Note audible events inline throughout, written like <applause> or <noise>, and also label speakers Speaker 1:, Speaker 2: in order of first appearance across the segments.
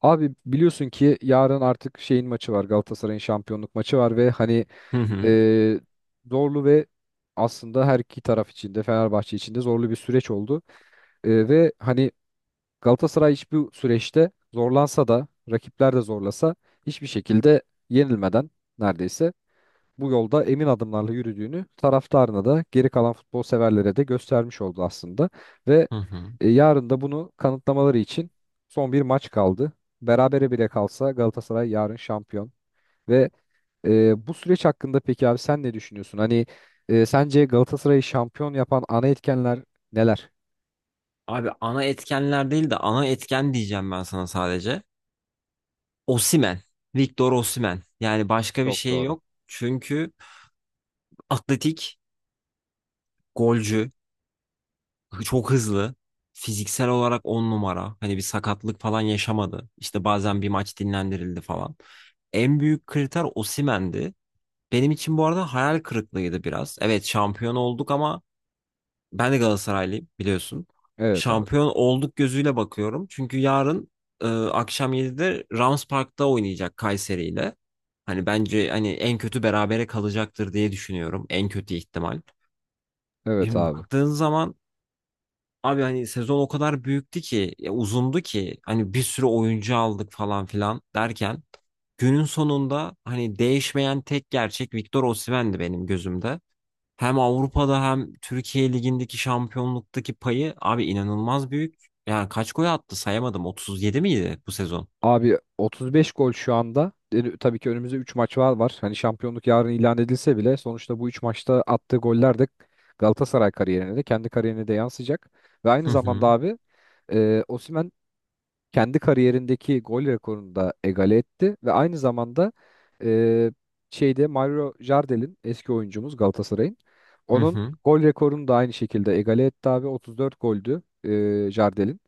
Speaker 1: Abi biliyorsun ki yarın artık şeyin maçı var. Galatasaray'ın şampiyonluk maçı var ve hani
Speaker 2: Hı hı.
Speaker 1: e, zorlu ve aslında her iki taraf için de Fenerbahçe için de zorlu bir süreç oldu. Ve hani Galatasaray hiçbir süreçte zorlansa da rakipler de zorlasa hiçbir şekilde yenilmeden neredeyse bu yolda emin adımlarla yürüdüğünü taraftarına da geri kalan futbol severlere de göstermiş oldu aslında. Ve
Speaker 2: Hı hı.
Speaker 1: Yarın da bunu kanıtlamaları için son bir maç kaldı. Berabere bile kalsa Galatasaray yarın şampiyon. Ve Bu süreç hakkında peki abi sen ne düşünüyorsun? Hani sence Galatasaray'ı şampiyon yapan ana etkenler neler?
Speaker 2: Abi ana etkenler değil de ana etken diyeceğim ben sana sadece. Osimhen. Victor Osimhen. Yani başka bir
Speaker 1: Çok
Speaker 2: şey
Speaker 1: doğru.
Speaker 2: yok. Çünkü atletik, golcü, çok hızlı. Fiziksel olarak on numara. Hani bir sakatlık falan yaşamadı. İşte bazen bir maç dinlendirildi falan. En büyük kriter Osimhen'di. Benim için bu arada hayal kırıklığıydı biraz. Evet şampiyon olduk ama ben de Galatasaraylıyım biliyorsun.
Speaker 1: Evet abi.
Speaker 2: Şampiyon olduk gözüyle bakıyorum. Çünkü yarın akşam 7'de Rams Park'ta oynayacak Kayseri ile. Hani bence hani en kötü berabere kalacaktır diye düşünüyorum. En kötü ihtimal.
Speaker 1: Evet
Speaker 2: Şimdi
Speaker 1: abi.
Speaker 2: baktığın zaman abi hani sezon o kadar büyüktü ki, ya uzundu ki hani bir sürü oyuncu aldık falan filan derken günün sonunda hani değişmeyen tek gerçek Victor Osimhen'di benim gözümde. Hem Avrupa'da hem Türkiye Ligi'ndeki şampiyonluktaki payı abi inanılmaz büyük. Yani kaç gol attı sayamadım. 37 miydi bu sezon?
Speaker 1: Abi 35 gol şu anda. E, tabii ki önümüzde 3 maç var. Hani şampiyonluk yarın ilan edilse bile sonuçta bu 3 maçta attığı goller de Galatasaray kariyerine de kendi kariyerine de yansıyacak. Ve aynı
Speaker 2: Hı
Speaker 1: zamanda
Speaker 2: hı.
Speaker 1: abi Osimhen kendi kariyerindeki gol rekorunu da egale etti ve aynı zamanda e, şeyde Mario Jardel'in eski oyuncumuz Galatasaray'ın
Speaker 2: Hı
Speaker 1: onun
Speaker 2: hı.
Speaker 1: gol rekorunu da aynı şekilde egale etti abi 34 goldü Jardel'in.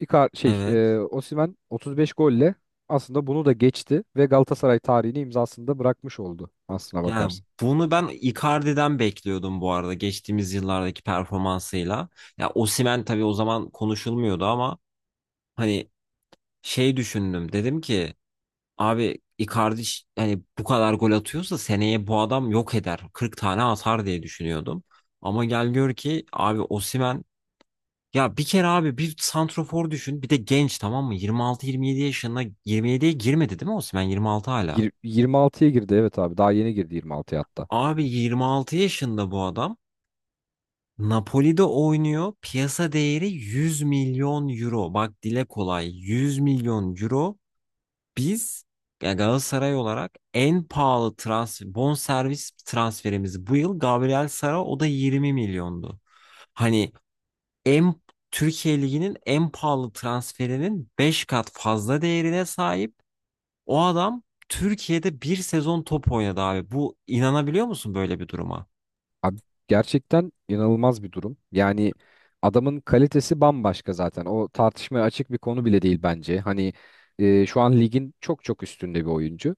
Speaker 1: Icar şey
Speaker 2: Evet.
Speaker 1: Osimhen 35 golle aslında bunu da geçti ve Galatasaray tarihini imzasında bırakmış oldu aslına
Speaker 2: Yani
Speaker 1: bakarsın.
Speaker 2: bunu ben Icardi'den bekliyordum bu arada geçtiğimiz yıllardaki performansıyla. Ya Osimhen tabii o zaman konuşulmuyordu ama hani şey düşündüm. Dedim ki abi Icardi hani bu kadar gol atıyorsa seneye bu adam yok eder. 40 tane atar diye düşünüyordum. Ama gel gör ki abi Osimhen... Ya bir kere abi bir santrofor düşün. Bir de genç tamam mı? 26-27 yaşında 27'ye girmedi değil mi Osimhen? 26 hala.
Speaker 1: 26'ya girdi evet abi daha yeni girdi 26'ya hatta.
Speaker 2: Abi 26 yaşında bu adam. Napoli'de oynuyor. Piyasa değeri 100 milyon euro. Bak dile kolay. 100 milyon euro. Biz ya Galatasaray olarak en pahalı transfer, bonservis transferimiz bu yıl Gabriel Sara, o da 20 milyondu. Hani en Türkiye Ligi'nin en pahalı transferinin 5 kat fazla değerine sahip. O adam Türkiye'de bir sezon top oynadı abi. Bu inanabiliyor musun böyle bir duruma?
Speaker 1: Abi gerçekten inanılmaz bir durum. Yani adamın kalitesi bambaşka zaten. O tartışmaya açık bir konu bile değil bence. Hani şu an ligin çok üstünde bir oyuncu.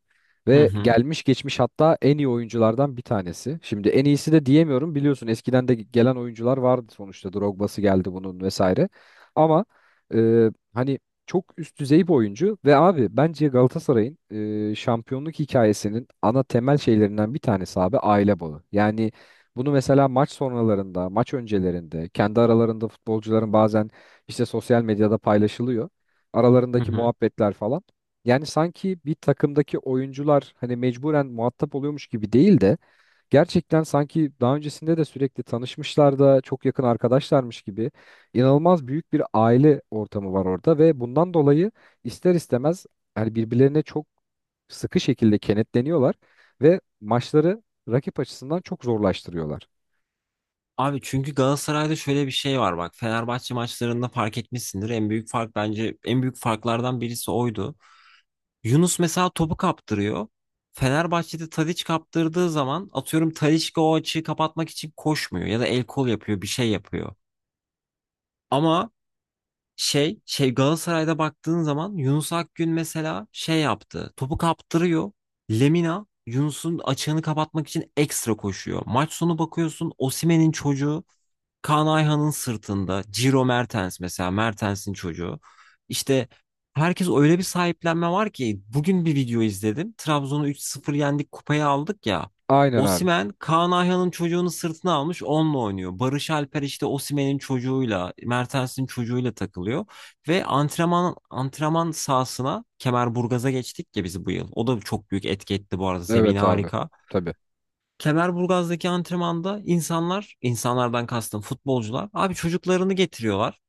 Speaker 2: Hı
Speaker 1: Ve
Speaker 2: hı.
Speaker 1: gelmiş geçmiş hatta en iyi oyunculardan bir tanesi. Şimdi en iyisi de diyemiyorum biliyorsun eskiden de gelen oyuncular vardı sonuçta. Drogba'sı geldi bunun vesaire. Ama hani çok üst düzey bir oyuncu. Ve abi bence Galatasaray'ın şampiyonluk hikayesinin ana temel şeylerinden bir tanesi abi aile bağı. Yani bunu mesela maç sonralarında, maç öncelerinde, kendi aralarında futbolcuların bazen işte sosyal medyada paylaşılıyor.
Speaker 2: Hı
Speaker 1: Aralarındaki
Speaker 2: hı.
Speaker 1: muhabbetler falan. Yani sanki bir takımdaki oyuncular hani mecburen muhatap oluyormuş gibi değil de gerçekten sanki daha öncesinde de sürekli tanışmışlar da çok yakın arkadaşlarmış gibi inanılmaz büyük bir aile ortamı var orada ve bundan dolayı ister istemez hani birbirlerine çok sıkı şekilde kenetleniyorlar ve maçları rakip açısından çok zorlaştırıyorlar.
Speaker 2: Abi çünkü Galatasaray'da şöyle bir şey var bak. Fenerbahçe maçlarında fark etmişsindir. En büyük fark, bence en büyük farklardan birisi oydu. Yunus mesela topu kaptırıyor. Fenerbahçe'de Tadiç kaptırdığı zaman atıyorum, Tadiç o açığı kapatmak için koşmuyor ya da el kol yapıyor, bir şey yapıyor. Ama Galatasaray'da baktığın zaman Yunus Akgün mesela şey yaptı. Topu kaptırıyor. Lemina Yunus'un açığını kapatmak için ekstra koşuyor. Maç sonu bakıyorsun Osimhen'in çocuğu Kaan Ayhan'ın sırtında, Ciro Mertens mesela Mertens'in çocuğu. İşte herkes öyle bir sahiplenme var ki, bugün bir video izledim. Trabzon'u 3-0 yendik, kupayı aldık ya.
Speaker 1: Aynen abi.
Speaker 2: Osimhen Kaan Ayhan'ın çocuğunu sırtına almış onunla oynuyor. Barış Alper işte Osimhen'in çocuğuyla, Mertens'in çocuğuyla takılıyor. Ve antrenman sahasına, Kemerburgaz'a geçtik ya biz bu yıl. O da çok büyük etki etti bu arada, zemini
Speaker 1: Evet abi.
Speaker 2: harika.
Speaker 1: Tabii.
Speaker 2: Kemerburgaz'daki antrenmanda insanlar, insanlardan kastım futbolcular, abi çocuklarını getiriyorlar.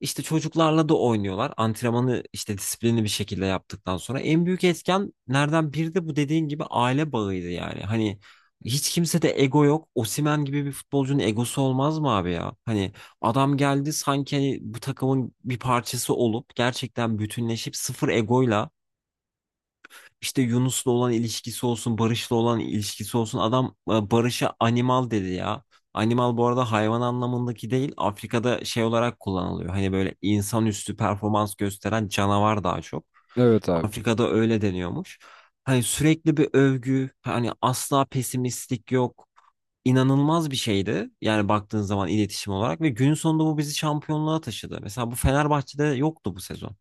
Speaker 2: İşte çocuklarla da oynuyorlar. Antrenmanı işte disiplinli bir şekilde yaptıktan sonra en büyük etkenlerden biri de bu dediğin gibi aile bağıydı yani. Hani hiç kimse de ego yok. Osimhen gibi bir futbolcunun egosu olmaz mı abi ya? Hani adam geldi sanki hani bu takımın bir parçası olup gerçekten bütünleşip sıfır egoyla, işte Yunus'la olan ilişkisi olsun, Barış'la olan ilişkisi olsun. Adam Barış'a animal dedi ya. Animal bu arada hayvan anlamındaki değil, Afrika'da şey olarak kullanılıyor. Hani böyle insanüstü performans gösteren canavar daha çok.
Speaker 1: Evet abi.
Speaker 2: Afrika'da öyle deniyormuş. Hani sürekli bir övgü, hani asla pesimistlik yok. İnanılmaz bir şeydi. Yani baktığın zaman iletişim olarak, ve günün sonunda bu bizi şampiyonluğa taşıdı. Mesela bu Fenerbahçe'de yoktu bu sezon.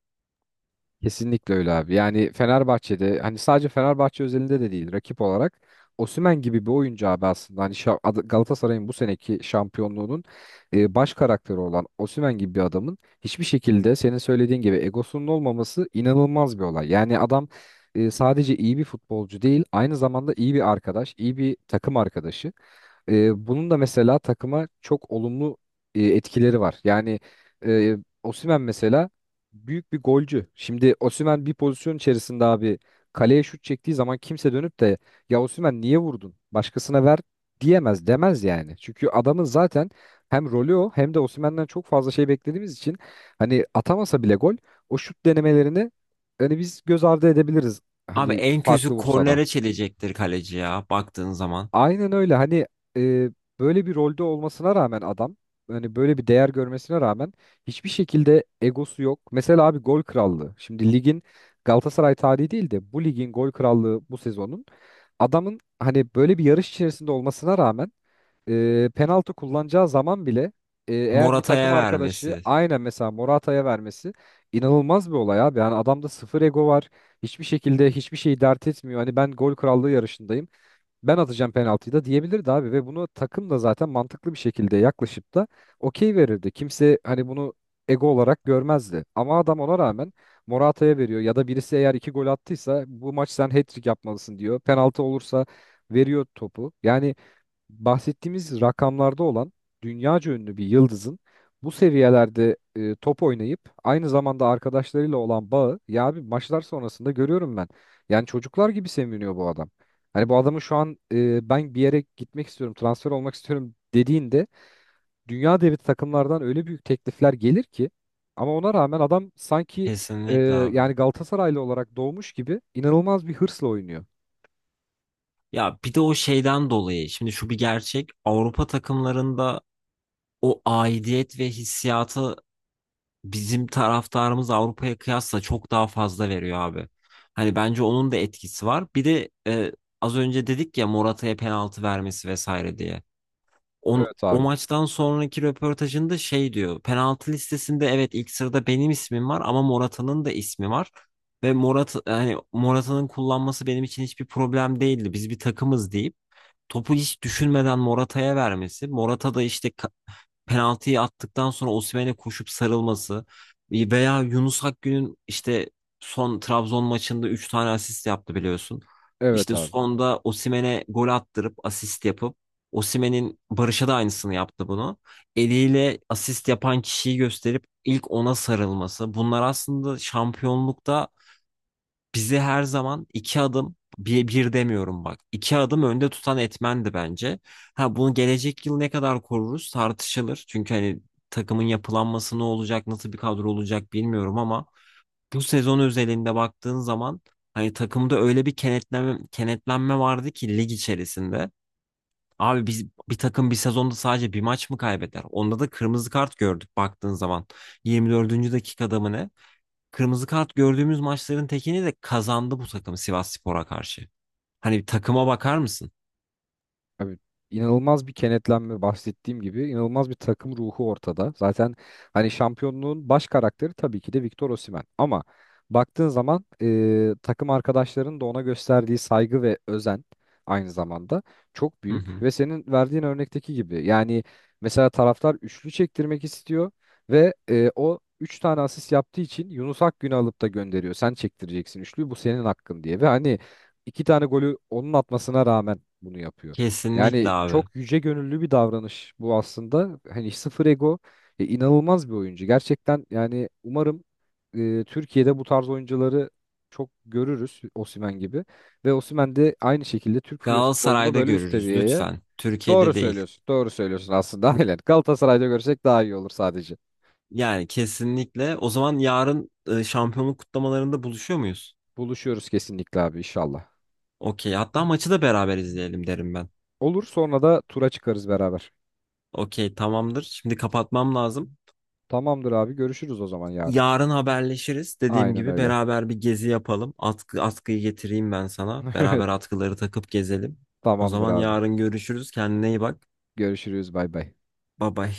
Speaker 1: Kesinlikle öyle abi. Yani Fenerbahçe'de hani sadece Fenerbahçe özelinde de değil rakip olarak Osimhen gibi bir oyuncu abi aslında hani Galatasaray'ın bu seneki şampiyonluğunun baş karakteri olan Osimhen gibi bir adamın hiçbir şekilde senin söylediğin gibi egosunun olmaması inanılmaz bir olay. Yani adam sadece iyi bir futbolcu değil aynı zamanda iyi bir arkadaş, iyi bir takım arkadaşı. Bunun da mesela takıma çok olumlu etkileri var. Yani e, Osimhen mesela büyük bir golcü. Şimdi Osimhen bir pozisyon içerisinde abi kaleye şut çektiği zaman kimse dönüp de ya Osimhen niye vurdun? Başkasına ver diyemez, demez yani. Çünkü adamın zaten hem rolü o hem de Osimhen'den çok fazla şey beklediğimiz için hani atamasa bile gol o şut denemelerini hani biz göz ardı edebiliriz.
Speaker 2: Abi
Speaker 1: Hani
Speaker 2: en kötü
Speaker 1: farklı vursa da.
Speaker 2: kornere çelecektir kaleci ya, baktığın zaman.
Speaker 1: Aynen öyle. Hani e, böyle bir rolde olmasına rağmen adam hani böyle bir değer görmesine rağmen hiçbir şekilde egosu yok. Mesela abi gol krallığı. Şimdi ligin Galatasaray tarihi değil de bu ligin gol krallığı bu sezonun adamın hani böyle bir yarış içerisinde olmasına rağmen penaltı kullanacağı zaman bile eğer bir takım
Speaker 2: Morata'ya
Speaker 1: arkadaşı
Speaker 2: vermesi.
Speaker 1: aynen mesela Morata'ya vermesi inanılmaz bir olay abi. Yani adamda sıfır ego var. Hiçbir şekilde hiçbir şeyi dert etmiyor. Hani ben gol krallığı yarışındayım ben atacağım penaltıyı da diyebilirdi abi ve bunu takım da zaten mantıklı bir şekilde yaklaşıp da okey verirdi. Kimse hani bunu ego olarak görmezdi. Ama adam ona rağmen Morata'ya veriyor ya da birisi eğer iki gol attıysa bu maç sen hat-trick yapmalısın diyor. Penaltı olursa veriyor topu. Yani bahsettiğimiz rakamlarda olan dünyaca ünlü bir yıldızın bu seviyelerde top oynayıp aynı zamanda arkadaşlarıyla olan bağı ya abi maçlar sonrasında görüyorum ben. Yani çocuklar gibi seviniyor bu adam. Hani bu adamın şu an ben bir yere gitmek istiyorum, transfer olmak istiyorum dediğinde dünya devi takımlardan öyle büyük teklifler gelir ki ama ona rağmen adam sanki e,
Speaker 2: Kesinlikle abi.
Speaker 1: yani Galatasaraylı olarak doğmuş gibi inanılmaz bir hırsla oynuyor.
Speaker 2: Ya bir de o şeyden dolayı, şimdi şu bir gerçek, Avrupa takımlarında o aidiyet ve hissiyatı bizim taraftarımız Avrupa'ya kıyasla çok daha fazla veriyor abi. Hani bence onun da etkisi var. Bir de az önce dedik ya, Morata'ya penaltı vermesi vesaire diye. On,
Speaker 1: Evet
Speaker 2: o
Speaker 1: abi.
Speaker 2: maçtan sonraki röportajında şey diyor. Penaltı listesinde evet ilk sırada benim ismim var ama Morata'nın da ismi var. Ve hani Morata'nın kullanması benim için hiçbir problem değildi. Biz bir takımız deyip topu hiç düşünmeden Morata'ya vermesi. Morata da işte penaltıyı attıktan sonra Osimhen'e koşup sarılması, veya Yunus Akgün'ün işte son Trabzon maçında 3 tane asist yaptı biliyorsun.
Speaker 1: Evet
Speaker 2: İşte
Speaker 1: abi.
Speaker 2: sonda Osimhen'e gol attırıp asist yapıp, Osimhen'in Barış'a da aynısını yaptı bunu. Eliyle asist yapan kişiyi gösterip ilk ona sarılması. Bunlar aslında şampiyonlukta bizi her zaman iki adım, bir, bir demiyorum bak, iki adım önde tutan etmendi bence. Ha bunu gelecek yıl ne kadar koruruz tartışılır. Çünkü hani takımın yapılanması ne olacak, nasıl bir kadro olacak bilmiyorum ama bu sezon özelinde baktığın zaman hani takımda öyle bir kenetlenme, kenetlenme vardı ki lig içerisinde. Abi biz bir takım bir sezonda sadece bir maç mı kaybeder? Onda da kırmızı kart gördük baktığın zaman. 24. dakikada mı ne? Kırmızı kart gördüğümüz maçların tekini de kazandı bu takım Sivasspor'a karşı. Hani bir takıma bakar mısın?
Speaker 1: Abi inanılmaz bir kenetlenme bahsettiğim gibi inanılmaz bir takım ruhu ortada. Zaten hani şampiyonluğun baş karakteri tabii ki de Victor Osimhen. Ama baktığın zaman takım arkadaşlarının da ona gösterdiği saygı ve özen aynı zamanda çok
Speaker 2: Hı
Speaker 1: büyük.
Speaker 2: hı.
Speaker 1: Ve senin verdiğin örnekteki gibi yani mesela taraftar üçlü çektirmek istiyor ve o üç tane asist yaptığı için Yunus Akgün'ü alıp da gönderiyor. Sen çektireceksin üçlüyü bu senin hakkın diye. Ve hani iki tane golü onun atmasına rağmen bunu yapıyor.
Speaker 2: Kesinlikle
Speaker 1: Yani
Speaker 2: abi.
Speaker 1: çok yüce gönüllü bir davranış bu aslında. Hani sıfır ego inanılmaz bir oyuncu. Gerçekten yani umarım Türkiye'de bu tarz oyuncuları çok görürüz Osimhen gibi. Ve Osimhen de aynı şekilde Türk futbolunu
Speaker 2: Galatasaray'da
Speaker 1: böyle üst
Speaker 2: görürüz
Speaker 1: seviyeye.
Speaker 2: lütfen.
Speaker 1: Doğru
Speaker 2: Türkiye'de değil.
Speaker 1: söylüyorsun. Doğru söylüyorsun aslında. <laughs> Aynen. Galatasaray'da görsek daha iyi olur sadece.
Speaker 2: Yani kesinlikle. O zaman yarın şampiyonluk kutlamalarında buluşuyor muyuz?
Speaker 1: Buluşuyoruz kesinlikle abi inşallah.
Speaker 2: Okey. Hatta maçı da beraber izleyelim derim ben.
Speaker 1: Olur sonra da tura çıkarız beraber.
Speaker 2: Okey, tamamdır. Şimdi kapatmam lazım.
Speaker 1: Tamamdır abi görüşürüz o zaman yarın.
Speaker 2: Yarın haberleşiriz. Dediğim
Speaker 1: Aynen
Speaker 2: gibi
Speaker 1: öyle.
Speaker 2: beraber bir gezi yapalım. Atkıyı getireyim ben sana. Beraber
Speaker 1: <laughs>
Speaker 2: atkıları takıp gezelim. O
Speaker 1: Tamamdır
Speaker 2: zaman
Speaker 1: abi.
Speaker 2: yarın görüşürüz. Kendine iyi bak.
Speaker 1: Görüşürüz bay bay.
Speaker 2: Bye bye.